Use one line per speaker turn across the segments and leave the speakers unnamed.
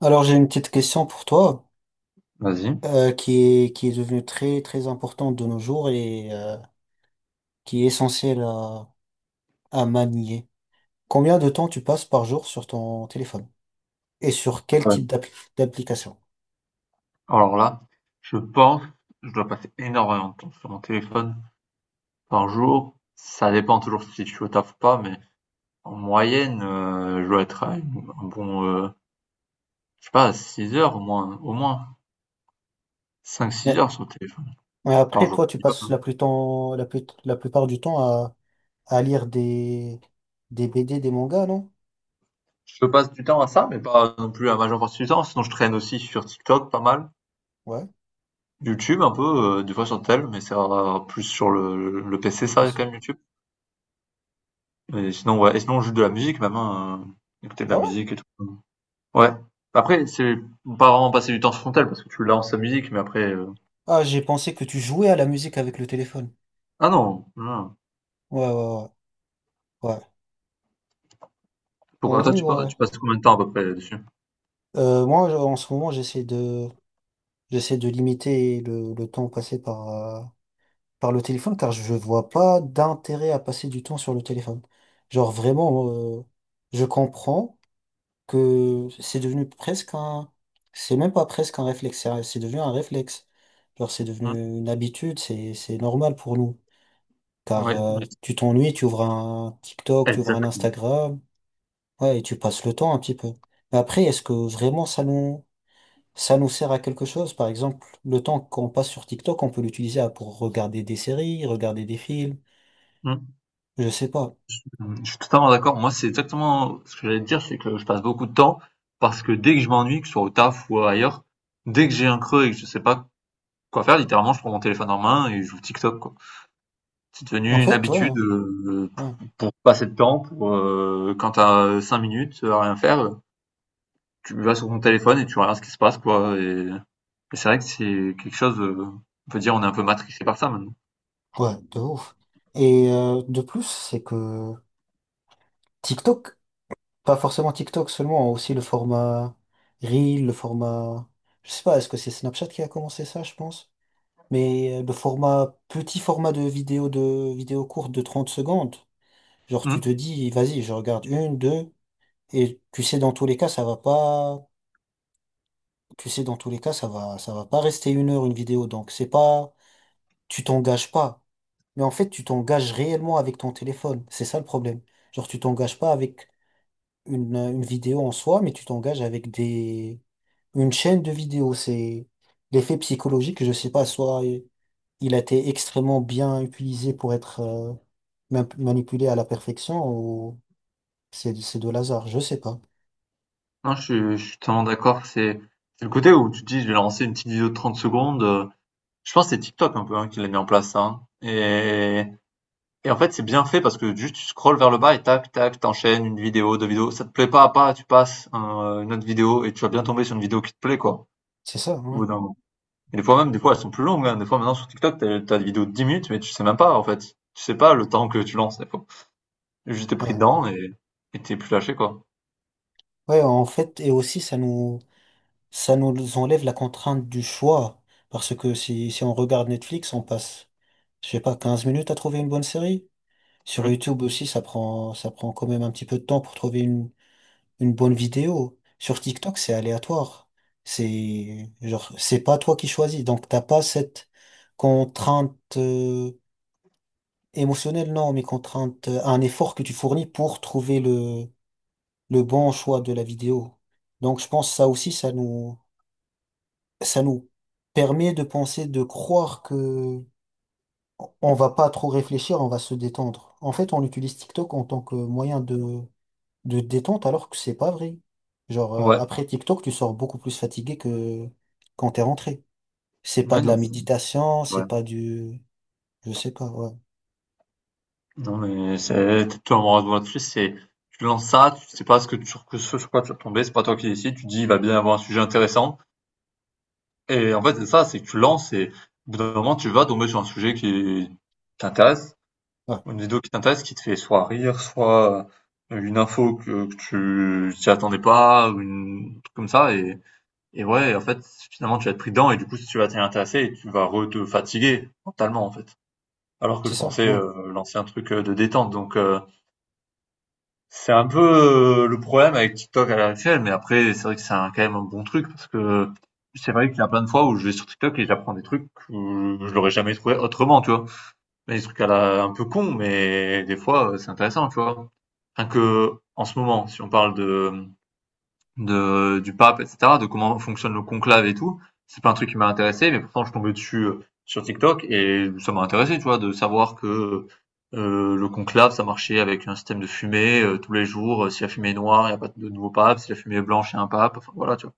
Alors j'ai une petite question pour toi
Vas-y.
qui est devenue très très importante de nos jours et qui est essentielle à manier. Combien de temps tu passes par jour sur ton téléphone et sur quel
Ah ouais.
type d'application?
Alors là, je pense, je dois passer énormément de temps sur mon téléphone par jour. Ça dépend toujours si je suis au taf ou pas, mais en moyenne, je dois être à un bon, je sais pas, 6 heures au moins cinq six
Mais,
heures sur le téléphone
mais
par
après
jour.
toi tu passes la plus temps la plus- la plupart du temps à lire des BD, des mangas, non?
Je passe du temps à ça, mais pas non plus à la majeure partie du temps. Sinon, je traîne aussi sur TikTok pas mal.
Ouais,
YouTube un peu, des fois sur tel, mais c'est va plus sur le PC,
le
ça, quand
PC.
même, YouTube. Et sinon, ouais. Et sinon, juste de la musique, même, hein, écouter de la
Ah ouais?
musique et tout. Ouais. Après, c'est pas vraiment passer du temps sur son parce que tu lances la musique, mais après,
Ah j'ai pensé que tu jouais à la musique avec le téléphone.
ah non, non.
Ouais ouais ouais. ouais. En
Pourquoi toi
vrai, ouais.
tu passes combien de temps à peu près dessus?
Moi, en ce moment, j'essaie de limiter le temps passé par le téléphone, car je vois pas d'intérêt à passer du temps sur le téléphone. Genre, vraiment, euh, je comprends que c'est devenu c'est même pas presque un réflexe, c'est devenu un réflexe. Genre, c'est
Mmh.
devenu une habitude, c'est normal pour nous. Car,
Ouais, ouais,
tu t'ennuies, tu ouvres un TikTok, tu ouvres un
exact.
Instagram, ouais, et tu passes le temps un petit peu. Mais après, est-ce que vraiment ça nous, ça nous sert à quelque chose. Par exemple, le temps qu'on passe sur TikTok, on peut pour regarder des séries, regarder des films.
Mmh.
Je sais pas.
Mmh. Je suis totalement d'accord. Moi, c'est exactement ce que j'allais te dire, c'est que je passe beaucoup de temps parce que dès que je m'ennuie, que ce soit au taf ou ailleurs, dès que j'ai un creux et que je sais pas quoi faire, littéralement, je prends mon téléphone en main et je joue TikTok, quoi. C'est
En
devenu une
fait,
habitude,
ouais,
pour passer le temps, pour, quand tu 5 minutes à rien faire, tu vas sur ton téléphone et tu regardes ce qui se passe, quoi, et c'est vrai que c'est quelque chose, on peut dire on est un peu matrixé par ça maintenant.
ouais, de ouf. Et de plus, c'est que TikTok, pas forcément TikTok seulement, hein, aussi le format Reel, le format. Je sais pas, est-ce que c'est Snapchat qui a commencé ça, je pense? Mais le format, petit format de vidéo courte de 30 secondes. Genre, tu te
Mmh.
dis, vas-y, je regarde une, deux, et tu sais, dans tous les cas, ça va pas tu sais, dans tous les cas, ça va pas rester une heure une vidéo. Donc, c'est pas, tu t'engages pas. Mais en fait, tu t'engages réellement avec ton téléphone. C'est ça le problème. Genre, tu t'engages pas avec une vidéo en soi, mais tu t'engages avec une chaîne de vidéos. C'est l'effet psychologique, je sais pas, soit il a été extrêmement bien utilisé pour être manipulé à la perfection ou c'est de l'hasard. Je sais pas.
Non, je suis totalement d'accord, c'est le côté où tu te dis: «Je vais lancer une petite vidéo de 30 secondes», je pense que c'est TikTok un peu, hein, qui l'a mis en place ça, hein, et en fait, c'est bien fait parce que juste tu scrolles vers le bas et tac, tac, t'enchaînes une vidéo, 2 vidéos, ça te plaît pas, tu passes une autre vidéo et tu vas bien tomber sur une vidéo qui te plaît, quoi,
C'est ça,
au
ouais.
bout d'un. Et des fois même, des fois elles sont plus longues, hein. Des fois maintenant sur TikTok, t'as des vidéos de 10 minutes, mais tu sais même pas en fait. Tu sais pas le temps que tu lances des fois. Juste t'es pris
Ouais.
dedans et t'es plus lâché quoi.
Ouais, en fait, et aussi, ça nous enlève la contrainte du choix. Parce que si on regarde Netflix, on passe, je sais pas, 15 minutes à trouver une bonne série. Sur
Mmh.
YouTube aussi, ça prend quand même un petit peu de temps pour trouver une bonne vidéo. Sur TikTok, c'est aléatoire. C'est, genre, c'est pas toi qui choisis. Donc, t'as pas cette contrainte, euh, émotionnelle, non, mais contrainte, un effort que tu fournis pour trouver le bon choix de la vidéo. Donc, je pense que ça aussi, ça nous permet de penser, de croire que on va pas trop réfléchir, on va se détendre. En fait, on utilise TikTok en tant que de détente alors que c'est pas vrai. Genre,
Ouais.
après TikTok, tu sors beaucoup plus fatigué que quand t'es rentré. C'est pas
Ouais,
de
non, mais
la
c'est
méditation, c'est
ouais.
pas du... Je sais pas, ouais.
Non, mais c'est tout un moment de là, c'est tu lances ça, tu sais pas ce que tu sur que ce sur quoi tu vas tomber, c'est pas toi qui décides, tu dis il va bien y avoir un sujet intéressant. Et en fait c'est ça, c'est que tu lances et au bout d'un moment tu vas tomber sur un sujet qui t'intéresse.
Ouais,
Une vidéo qui t'intéresse, qui te fait soit rire, soit une info que tu t'y attendais pas, ou un truc comme ça, et ouais, en fait, finalement, tu vas être pris dedans, et du coup, si tu vas t'y intéresser, et tu vas re te fatiguer, mentalement, en fait. Alors que
c'est
je
ça,
pensais
ouais.
lancer un truc de détente, donc c'est un peu le problème avec TikTok à l'heure actuelle, mais après, c'est vrai que quand même un bon truc, parce que c'est vrai qu'il y a plein de fois où je vais sur TikTok et j'apprends des trucs où je l'aurais jamais trouvé autrement, tu vois. Mais des trucs à la, un peu cons mais des fois, c'est intéressant, tu vois, enfin que en ce moment, si on parle de du pape, etc., de comment fonctionne le conclave et tout, c'est pas un truc qui m'a intéressé, mais pourtant je tombais dessus sur TikTok et ça m'a intéressé, tu vois, de savoir que le conclave, ça marchait avec un système de fumée tous les jours. Si la fumée est noire, il n'y a pas de nouveau pape. Si la fumée est blanche, il y a un pape. Enfin voilà, tu vois,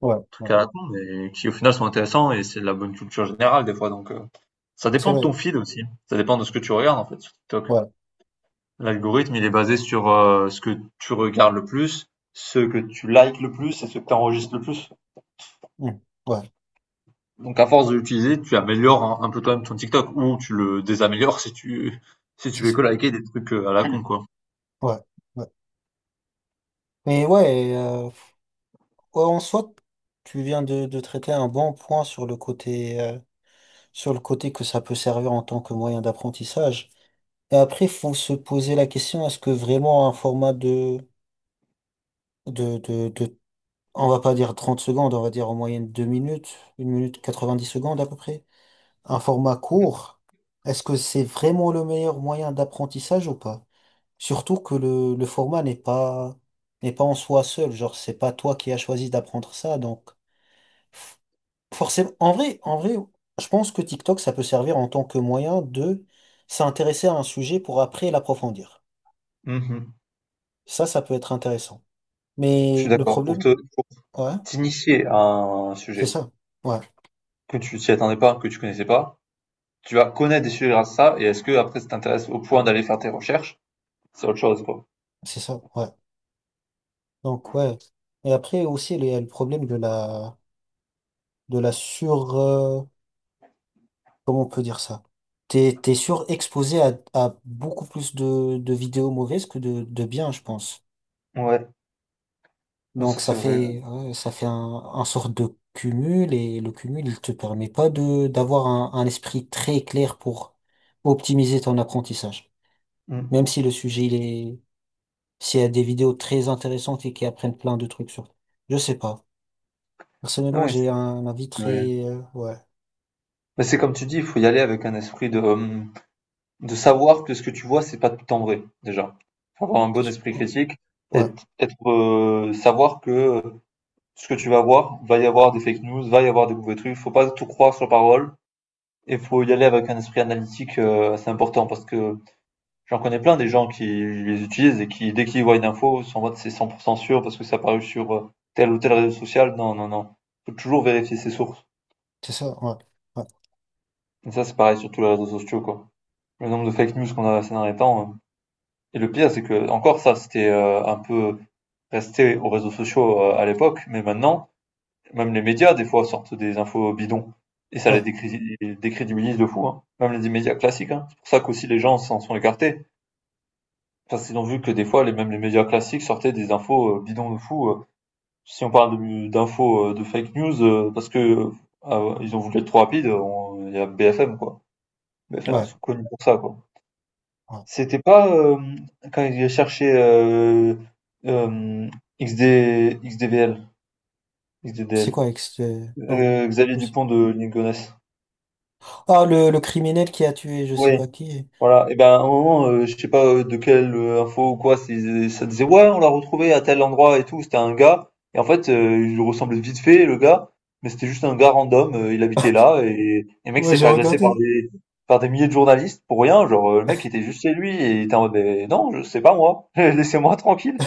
Ouais, ouais.
trucs à la con, mais qui au final sont intéressants et c'est de la bonne culture générale des fois. Donc ça
C'est
dépend de
vrai,
ton feed aussi, hein. Ça dépend de ce que tu regardes en fait sur TikTok.
ouais.
L'algorithme, il est basé sur, ce que tu regardes le plus, ce que tu likes le plus et ce que tu enregistres le plus.
Mm. Ouais,
Donc à force de l'utiliser, tu améliores un peu toi-même ton TikTok ou tu le désaméliores si tu
c'est
fais
ça.
que liker des trucs, à la con, quoi.
Ouais, ouais. Mais ouais, ouais, en soi, tu viens de traiter un bon point sur le côté. Sur le côté que ça peut servir en tant que moyen d'apprentissage. Et après, il faut se poser la question, est-ce que vraiment un format de, de, de, on va pas dire 30 secondes, on va dire en moyenne 2 minutes, une minute 90 secondes à peu près, un format court, est-ce que c'est vraiment le meilleur moyen d'apprentissage ou pas? Surtout que le format n'est pas en soi seul, genre c'est pas toi qui as choisi d'apprendre ça, donc forcément, en vrai, je pense que TikTok, ça peut servir en tant que moyen de s'intéresser à un sujet pour après l'approfondir.
Mmh.
Ça peut être intéressant.
Je
Mais
suis
le
d'accord. Pour
problème,
te pour
ouais,
t'initier à un
c'est
sujet
ça. Ouais,
que tu t'y attendais pas, que tu connaissais pas, tu vas connaître des sujets grâce à ça et est-ce que après ça t'intéresse au point d'aller faire tes recherches? C'est autre chose, quoi.
c'est ça. Ouais. Donc, ouais. Et après aussi, il y a le problème de la, de la sur, euh, comment on peut dire ça? T'es surexposé à beaucoup plus de vidéos mauvaises que de bien, je pense.
Ouais, non,
Donc
ça
ça
c'est vrai.
fait ouais, ça fait un sorte de cumul et le cumul il te permet pas de d'avoir un esprit très clair pour optimiser ton apprentissage.
Mmh.
Même si le sujet il est s'il y a des vidéos très intéressantes et qui apprennent plein de trucs sur. Je sais pas.
Non
Personnellement
mais
j'ai
c'est
un avis
ouais.
très ouais
Mais c'est comme tu dis, il faut y aller avec un esprit de, hem de savoir que ce que tu vois, c'est pas tout le temps vrai, déjà. Faut avoir un bon
J'ai-
esprit critique,
ouais
être, savoir que ce que tu vas voir, va y avoir des fake news, va y avoir des mauvais trucs, faut pas tout croire sur parole, et faut y aller avec un esprit analytique assez important, parce que j'en connais plein des gens qui les utilisent et qui, dès qu'ils voient une info, sont en mode c'est 100% sûr parce que ça a paru sur tel ou tel réseau social. Non, non, non. Faut toujours vérifier ses sources.
c'est ça ouais ouais
Et ça, c'est pareil sur tous les réseaux sociaux, quoi. Le nombre de fake news qu'on a ces derniers temps, euh. Et le pire, c'est que encore ça, c'était un peu resté aux réseaux sociaux à l'époque, mais maintenant, même les médias, des fois, sortent des infos bidons. Et ça
ouais
les décrédibilise de fou, hein. Même les médias classiques, hein. C'est pour ça qu'aussi les gens s'en sont écartés. Parce qu'ils ont vu que des fois, même les médias classiques sortaient des infos bidons de fou. Si on parle d'infos de fake news, parce que ils ont voulu être trop rapides, il y a BFM, quoi. BFM, ils
ouais,
sont connus pour ça, quoi.
ouais.
C'était pas, quand il cherchait, hem, XD XDVL,
C'est
XDDL,
quoi avec ce... non
Xavier
Je sais-
Dupont de Ligonnès.
ah le criminel qui a tué je
Oui,
sais pas qui
voilà, et ben, à un moment, je sais pas, de quelle, info ou quoi, c'est ça disait: «Ouais, on l'a retrouvé à tel endroit et tout». C'était un gars, et en fait, il lui ressemblait vite fait le gars, mais c'était juste un gars random, il habitait là, et le mec
ouais
s'est
j'ai
fait agresser
regardé
par des milliers de journalistes pour rien, genre, le mec était juste chez lui et il était en mode: «Beh, non, je c'est pas moi, laissez-moi tranquille».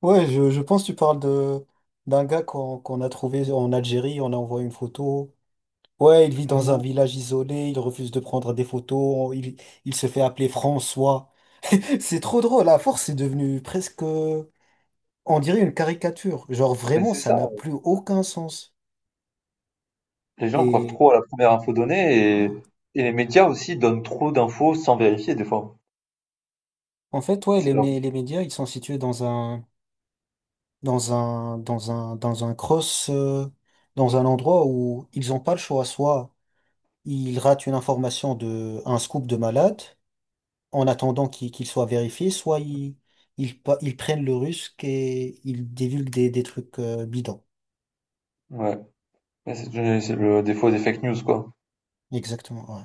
Ouais, je pense que tu parles de d'un gars qu'on qu'on a trouvé en Algérie, on a envoyé une photo. Ouais, il vit dans un village isolé, il refuse de prendre des photos, il se fait appeler François. C'est trop drôle, à force, c'est devenu presque, on dirait une caricature. Genre
Mais
vraiment,
c'est
ça
ça,
n'a plus aucun sens.
les gens croient
Et
trop à la première info donnée,
ouais.
et les médias aussi donnent trop d'infos sans vérifier des fois.
En fait, ouais,
C'est leur...
les médias, ils sont situés dans un cross, dans un endroit où ils n'ont pas le choix, soit il rate une information de un scoop de malade en attendant qu'il soit vérifié, soit ils ils prennent le risque et ils divulguent des trucs bidons.
Ouais. Mais c'est le défaut des fake news, quoi.
Exactement. Ouais.